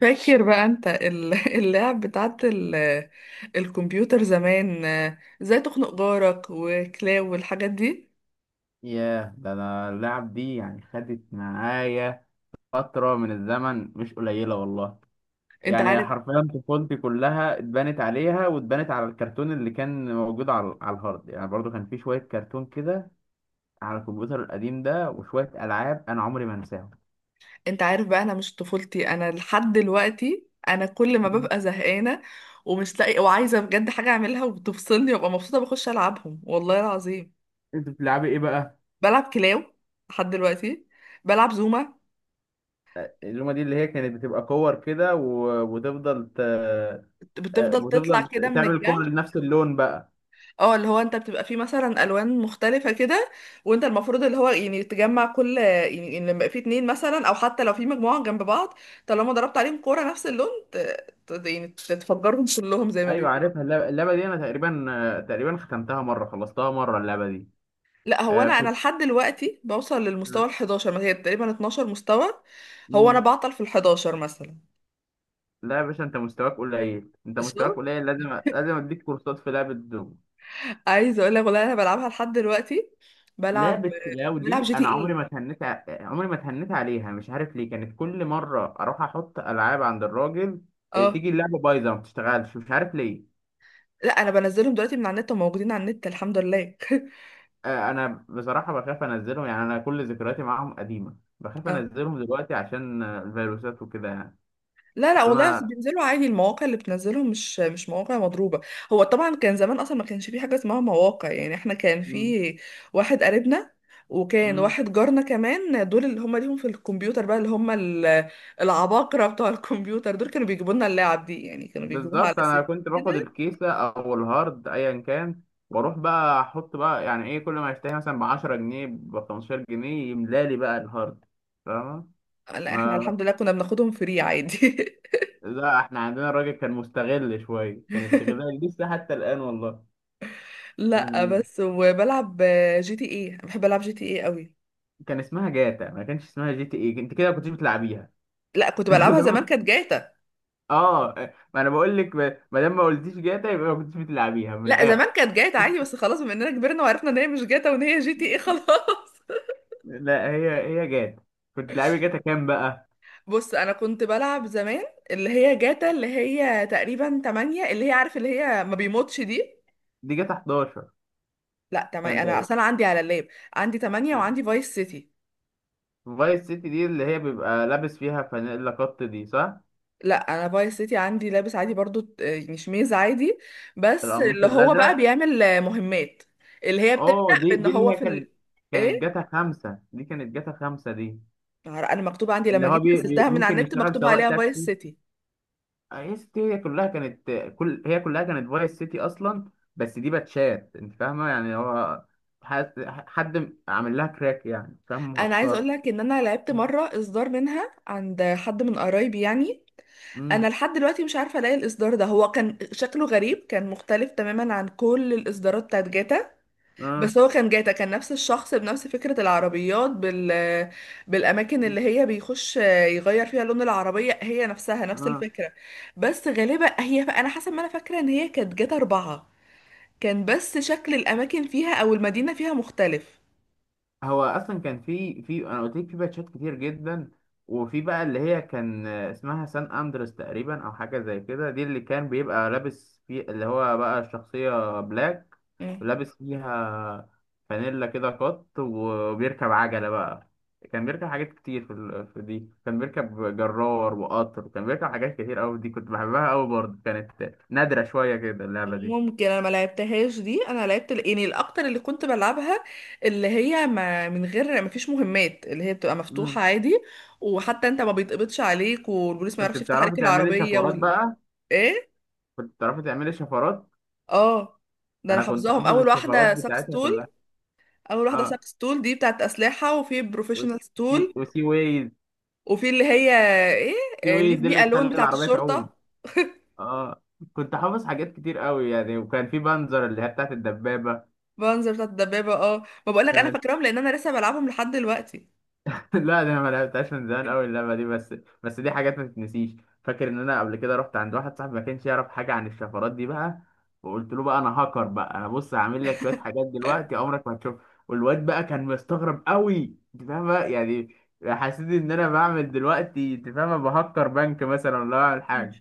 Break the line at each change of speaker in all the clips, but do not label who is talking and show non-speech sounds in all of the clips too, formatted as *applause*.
فاكر بقى انت *laughs* اللعب بتاعت الكمبيوتر زمان، ازاي تخنق جارك وكلاو والحاجات دي.
ياه، ده انا اللعب دي يعني خدت معايا فترة من الزمن مش قليلة والله.
انت
يعني
عارف
حرفيا طفولتي كلها اتبنت عليها، واتبنت على الكرتون اللي كان موجود على الهارد. يعني برضو كان في شوية كرتون كده على الكمبيوتر القديم ده، وشوية ألعاب أنا عمري ما أنساهم.
انت عارف بقى، انا مش طفولتي، انا لحد دلوقتي انا كل ما
مم.
ببقى زهقانه ومش لاقي وعايزه بجد حاجه اعملها وبتفصلني وابقى مبسوطه بخش العبهم والله العظيم.
أنت بتلعبي إيه بقى؟
بلعب كلاو لحد دلوقتي، بلعب زوما
اللومة دي اللي هي كانت بتبقى كور كده وتفضل ت... آه،
بتفضل تطلع
وتفضل
كده من
تعمل
الجنب.
كور لنفس اللون بقى.
اه، اللي هو انت بتبقى فيه مثلا الوان مختلفه كده، وانت المفروض اللي هو يعني تجمع كل يعني يعني لما يبقى فيه اتنين مثلا او حتى لو في مجموعه جنب بعض، طالما ضربت عليهم كوره نفس اللون يعني تفجرهم كلهم زي ما
ايوه،
بيقولوا.
عارفها اللعبة دي انا تقريبا ختمتها مره، خلصتها مره اللعبه دي.
لا هو
آه،
انا
كنت
لحد دلوقتي بوصل للمستوى ال 11، ما هي تقريبا 12 مستوى. هو انا
مم.
بعطل في ال 11 مثلا.
لا يا باشا، انت مستواك قليل، انت
قشطة؟
مستواك قليل، لازم لازم اديك كورسات في لعبه دوم.
عايزه اقول لك والله انا بلعبها لحد دلوقتي، بلعب
لعبه كلاو
بلعب
دي
جي تي
انا عمري
ايه.
ما اتهنيت عمري ما اتهنيت عليها، مش عارف ليه. كانت كل مره اروح احط العاب عند الراجل، آه،
اه.
تيجي اللعبه بايظه، ما بتشتغلش، مش عارف ليه.
لا انا بنزلهم دلوقتي من على النت وموجودين على النت الحمد لله.
آه، انا بصراحه بخاف انزلهم. يعني انا كل ذكرياتي معاهم قديمه، بخاف
*laughs*
انزلهم دلوقتي عشان الفيروسات وكده يعني.
لا لا،
بس
والله أصل
انا
بينزلوا عادي، المواقع اللي بتنزلهم مش مواقع مضروبة. هو طبعا كان زمان اصلا ما كانش في حاجة اسمها مواقع، يعني احنا كان
مم.
في واحد قريبنا، وكان
مم.
واحد جارنا كمان، دول اللي هم ليهم في الكمبيوتر بقى، اللي هم العباقرة بتوع الكمبيوتر دول، كانوا بيجيبوا لنا اللعب دي، يعني كانوا بيجيبوها على
بالظبط،
اساس
انا كنت باخد
كده.
الكيسه او الهارد ايا كان، واروح بقى احط بقى يعني ايه، كل ما اشتري مثلا ب 10 جنيه ب 15 جنيه يملالي بقى الهارد، فاهمه؟
لا احنا
ما
الحمد لله كنا بناخدهم فري عادي. *laughs*
لا، احنا عندنا الراجل كان مستغل شويه، كان استغلال لسه حتى الان والله
لا
يعني.
بس، وبلعب جي تي ايه، بحب العب جي تي ايه قوي.
كان اسمها جاتا، ما كانش اسمها جي تي ايه، انت كده ما كنتش بتلعبيها.
لا كنت
*laughs*
بلعبها زمان
لما-
كانت جاتا.
اه، ما انا بقول لك، ما دام ما قلتيش جاتا يبقى ما كنتش بتلعبيها من
لا
الاخر.
زمان كانت جاتا عادي، بس خلاص بما اننا كبرنا وعرفنا ان هي مش جاتا وان هي جي تي ايه، خلاص.
لا، هي هي جاتا. كنت بتلعبي جاتا كام بقى؟
*laughs* بص، انا كنت بلعب زمان اللي هي جاتا، اللي هي تقريبا 8، اللي هي عارف اللي هي ما بيموتش دي.
دي جاتا 11.
لا تمام، انا اصلا عندي على اللاب، عندي 8 وعندي فايس سيتي.
فايس سيتي دي اللي هي بيبقى لابس فيها فانيلا قط دي، صح؟
لا انا فايس سيتي عندي لابس عادي برضو، يعني شميز عادي، بس
القميص
اللي هو بقى
الأزرق.
بيعمل مهمات، اللي هي بتبدأ
اه، دي
بان
دي اللي
هو
هي
في
كانت كانت
ايه.
جاتا 5 دي، كانت جاتا 5 دي
انا مكتوب عندي
اللي
لما
هو
جيت
بي
نزلتها من على
ممكن
النت
يشتغل
مكتوب
سواق
عليها فايس
تاكسي.
سيتي.
هي سيتي هي كلها كانت، هي كلها كانت فايس سيتي أصلا، بس دي باتشات. أنت فاهمة يعني هو حد عامل لها كراك يعني، فاهم؟
انا عايزه
مهكرة.
اقول لك ان انا لعبت مره اصدار منها عند حد من قرايبي يعني،
مم.
انا لحد دلوقتي مش عارفه الاقي الاصدار ده. هو كان شكله غريب، كان مختلف تماما عن كل الاصدارات بتاعت جاتا،
اه،
بس هو كان جاتا، كان نفس الشخص بنفس فكره العربيات بال بالاماكن اللي هي بيخش يغير فيها لون العربيه، هي نفسها نفس
اه،
الفكره. بس غالبا هي، انا حسب ما انا فاكره ان هي كانت جاتا أربعة، كان بس شكل الاماكن فيها او المدينه فيها مختلف.
هو اصلا كان في انا قلت لك في باتشات كتير جدا. وفي بقى اللي هي كان اسمها سان اندرس تقريبا، او حاجه زي كده، دي اللي كان بيبقى لابس في اللي هو بقى الشخصيه بلاك، ولابس فيها فانيلا كده قط وبيركب عجله بقى. كان بيركب حاجات كتير في دي، كان بيركب جرار وقطر، كان بيركب حاجات كتير قوي. دي كنت بحبها قوي برضه، كانت نادره شويه كده اللعبه دي.
ممكن انا ما لعبتهاش دي، انا لعبت يعني الاكتر اللي كنت بلعبها اللي هي، ما من غير ما فيش مهمات، اللي هي بتبقى مفتوحة
مم.
عادي، وحتى انت ما بيتقبضش عليك، والبوليس ما
كنت
يعرفش يفتح
بتعرفي
عليك
تعملي
العربية
شفرات
وال.
بقى؟
ايه.
كنت بتعرفي تعملي شفرات.
اه، ده انا
انا كنت
حافظاهم.
حافظ
اول واحدة
الشفرات بتاعتها
ساكستول،
كلها.
اول واحدة
اه،
ساكستول دي بتاعت اسلحة، وفي بروفيشنال
والسي
ستول،
وسي ويز.
وفي اللي هي
سي
ايه،
ويز
ليف
دي اللي
مي الون
بتخلي
بتاعت
العربيه تعوم.
الشرطة.
اه، كنت حافظ حاجات كتير قوي يعني، وكان في بنزر اللي هي بتاعت الدبابه.
بانزر بتاعت الدبابة، اه. ما بقولك انا
كانت
فاكراهم لان انا لسه بلعبهم لحد دلوقتي.
*laughs* لا، ده انا ما لعبتهاش من زمان قوي اللعبه دي، بس بس دي حاجات ما تتنسيش. فاكر ان انا قبل كده رحت عند واحد صاحبي ما كانش يعرف حاجه عن الشفرات دي بقى، وقلت له بقى انا هاكر بقى. انا بص، هعمل لك شويه حاجات دلوقتي عمرك ما هتشوف. والواد بقى كان مستغرب قوي، انت فاهم بقى يعني؟ حسيت ان انا بعمل دلوقتي، انت فاهم، بهكر بنك مثلا ولا بعمل حاجه.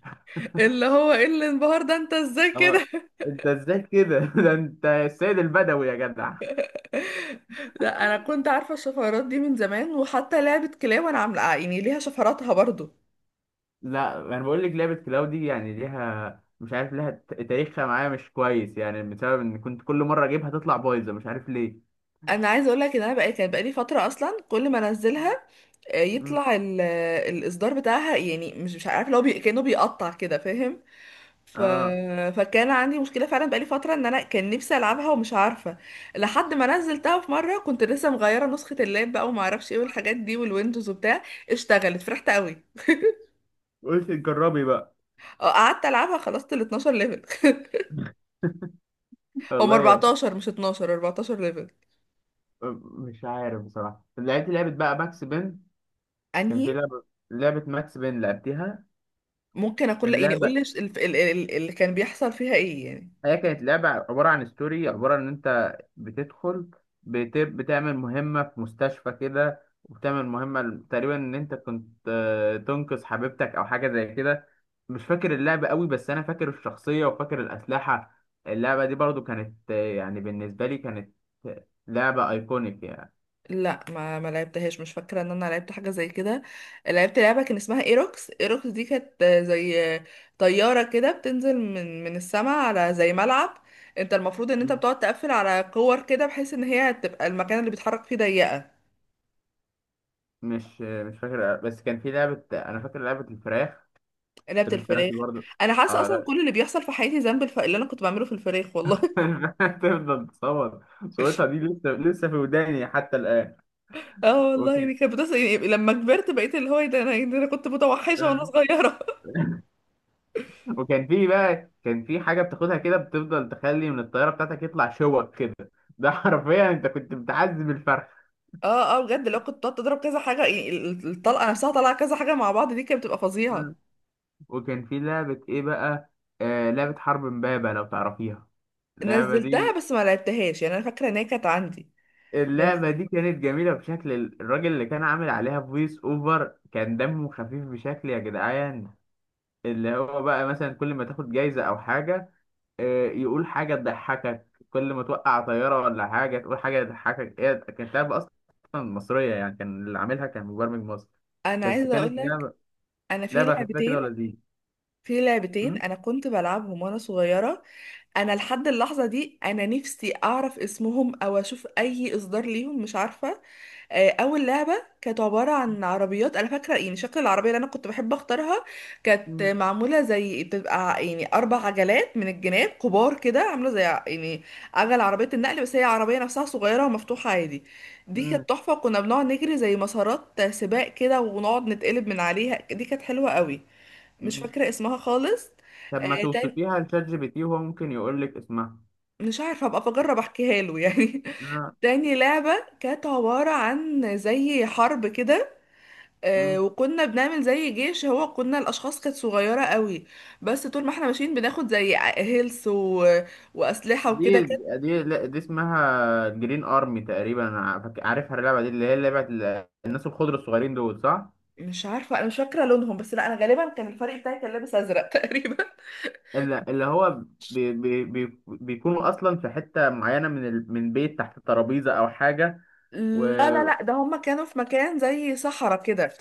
اللي هو ايه اللي انبهر، ده انت ازاي
اه،
كده.
*laughs* انت ازاي كده؟ *laughs* ده انت السيد البدوي يا جدع.
*laughs* لا انا كنت عارفه الشفرات دي من زمان، وحتى لعبه كلاب انا عامله، يعني ليها شفراتها برضو.
لا، انا بقول لك لعبه كلاو دي يعني ليها، مش عارف ليها تاريخها معايا مش كويس، يعني بسبب ان كنت كل مره اجيبها تطلع بايظه، مش عارف ليه.
انا عايزه اقول لك ان انا بقى كان بقالي فتره اصلا كل ما انزلها
مم.
يطلع ال... آه، الاصدار بتاعها، يعني مش عارفه اللي هو كانه بيقطع كده، فاهم؟ ف...
اه،
فكان عندي مشكله فعلا بقالي فتره ان انا كان نفسي العبها ومش عارفه، لحد ما نزلتها في مره، كنت لسه مغيره نسخه اللاب بقى وما اعرفش ايه والحاجات دي والويندوز وبتاع، اشتغلت فرحت قوي.
قلت جربي بقى.
اه قعدت العبها، خلصت ال 12 ليفل.
*laughs*
*laughs* هم
والله يعني
14 مش 12، 14 ليفل.
مش عارف بصراحه، لعبت لعبه بقى ماكس بين. كان
انهي؟
في لعبه ماكس بين لعبتها.
ممكن اكون، لا
كان
يعني قول
لعبه
لي اللي كان بيحصل فيها ايه يعني.
هي كانت لعبة عبارة عن ستوري، عبارة إن أنت بتدخل، بتعمل مهمة في مستشفى كده، وبتعمل مهمة تقريبا إن أنت كنت تنقذ حبيبتك أو حاجة زي كده. مش فاكر اللعبة قوي، بس أنا فاكر الشخصية وفاكر الأسلحة. اللعبة دي برضو كانت يعني بالنسبة لي كانت لعبة أيكونيك يعني.
لا ما لعبتهاش، مش فاكره ان انا لعبت حاجه زي كده. لعبت لعبه كان اسمها ايروكس، ايروكس دي كانت زي طياره كده بتنزل من السماء على زي ملعب، انت المفروض ان انت
مم.
بتقعد تقفل على كور كده بحيث ان هي تبقى المكان اللي بيتحرك فيه ضيقه.
مش فاكر، بس كان في لعبة أنا فاكر لعبة الفراخ.
لعبه
الفراخ
الفراخ،
دي برضو.
انا حاسه اصلا
آه،
كل اللي بيحصل في حياتي ذنب اللي انا كنت بعمله في الفراخ والله.
*laughs* تفضل تصور صورتها، دي لسه لسه في وداني حتى الآن.
اه والله
وكان
يعني كانت بتصل، يعني لما كبرت بقيت اللي هو ايه، ده انا يعني، ده انا كنت متوحشه
آه،
وانا صغيره.
وكان في بقى كان في حاجة بتاخدها كده، بتفضل تخلي من الطيارة بتاعتك يطلع شوك كده. *laughs* ده حرفيا انت كنت بتعذب الفرخ.
*laughs* اه اه، بجد لو كنت بتقعد تضرب كذا حاجه، يعني الطلقه نفسها طالعه كذا حاجه مع بعض، دي كانت بتبقى فظيعه.
وكان في لعبة ايه بقى؟ آه، لعبة حرب امبابة لو تعرفيها. اللعبة
نزلتها
دي
بس ما لعبتهاش، يعني انا فاكره ان هي كانت عندي بس.
اللعبة دي كانت جميلة بشكل. الراجل اللي كان عامل عليها فويس اوفر كان دمه خفيف بشكل يا جدعان. اللي هو بقى مثلا كل ما تاخد جايزة او حاجة يقول حاجة تضحكك، كل ما توقع طيارة ولا حاجة تقول حاجة تضحكك. هي كانت لعبة أصلا مصرية يعني، كان اللي عاملها كان مبرمج مصري.
انا
بس
عايزه
كانت
اقول لك،
لعبة
انا في
لعبة خفيفة كده
لعبتين،
ولذيذة.
في لعبتين
م?
انا كنت بلعبهم وانا صغيره، انا لحد اللحظه دي انا نفسي اعرف اسمهم او اشوف اي اصدار ليهم، مش عارفه. اول لعبه كانت عباره عن عربيات، انا فاكره يعني شكل العربيه اللي انا كنت بحب اختارها، كانت
م-
معموله زي بتبقى يعني اربع عجلات من الجناب كبار كده، عامله زي يعني عجل عربيه النقل، بس هي عربيه نفسها صغيره ومفتوحه عادي. دي
م-
كانت تحفه، كنا بنقعد نجري زي مسارات سباق كده ونقعد نتقلب من عليها، دي كانت حلوه قوي. مش
م.
فاكره اسمها خالص.
طب ما
تاني.
توصفيها لشات جي بي تي، وهو ممكن يقول لك اسمها.
مش عارفه ابقى بجرب احكيها له يعني.
آه،
*laughs* تاني لعبه كانت عباره عن زي حرب كده،
م.
وكنا بنعمل زي جيش، هو كنا الاشخاص كانت صغيره قوي، بس طول ما احنا ماشيين بناخد زي هيلث واسلحه وكده،
دي
كانت.
دي لا، دي اسمها جرين ارمي تقريبا، أنا عارفها اللعبه دي، اللي هي لعبه الناس الخضر الصغيرين دول، صح؟
مش عارفه، انا مش فاكره لونهم، بس لا انا غالبا كان الفريق بتاعي كان لابس ازرق *laughs* تقريبا.
اللي هو بي بي بي بيكونوا اصلا في حته معينه من من بيت تحت الترابيزه او حاجه. و
لا لا لا، ده هما كانوا في مكان زي صحراء كده،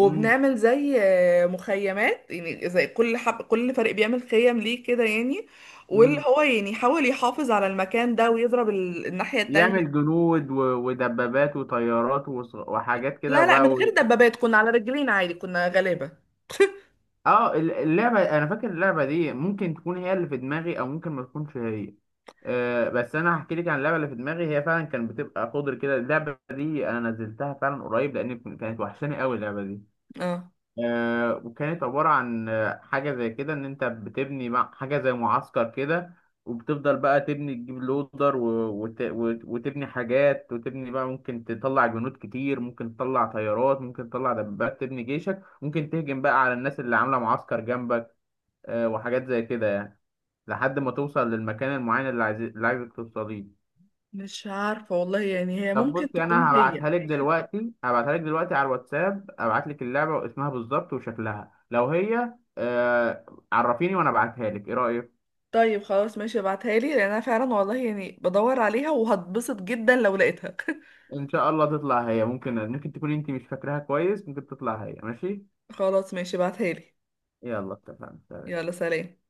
مم.
زي مخيمات، يعني زي كل حب كل فريق بيعمل خيم ليه كده يعني، واللي
مم.
هو يعني يحاول يحافظ على المكان ده ويضرب الناحيه
يعمل
التانيه.
جنود ودبابات وطيارات وحاجات كده
لا لا، من
وبقى.
غير دبابات، كنا على رجلين عادي، كنا غلابه.
اه، اللعبه انا فاكر اللعبه دي ممكن تكون هي اللي في دماغي، او ممكن ما تكونش هي. آه، بس انا هحكي لك عن اللعبه اللي في دماغي. هي فعلا كانت بتبقى قدر كده اللعبه دي، انا نزلتها فعلا قريب لان كانت وحشاني قوي اللعبه دي.
اه.
وكانت عبارة عن حاجة زي كده، إن أنت بتبني مع حاجة زي معسكر كده. وبتفضل بقى تبني، تجيب لودر وتبني حاجات، وتبني بقى، ممكن تطلع جنود كتير، ممكن تطلع طيارات، ممكن تطلع دبابات، تبني جيشك، ممكن تهجم بقى على الناس اللي عاملة معسكر جنبك. وحاجات زي كده يعني، لحد ما توصل للمكان المعين اللي اللي عايزك توصليه.
مش عارفة والله يعني، هي
طب
ممكن
بصي،
تكون
انا
هي.
هبعتها لك دلوقتي على الواتساب. ابعت لك اللعبه واسمها بالظبط وشكلها، لو هي عرفيني وانا ابعتها لك، ايه رايك؟
طيب خلاص ماشي ابعتها لي، لان انا فعلا والله يعني بدور عليها، وهتبسط جدا لو لقيتها.
ان شاء الله تطلع هي. ممكن تكون انت مش فاكراها كويس، ممكن تطلع هي. ماشي.
*laughs* خلاص ماشي ابعتها لي.
يلا، اتفقنا.
يلا سلام.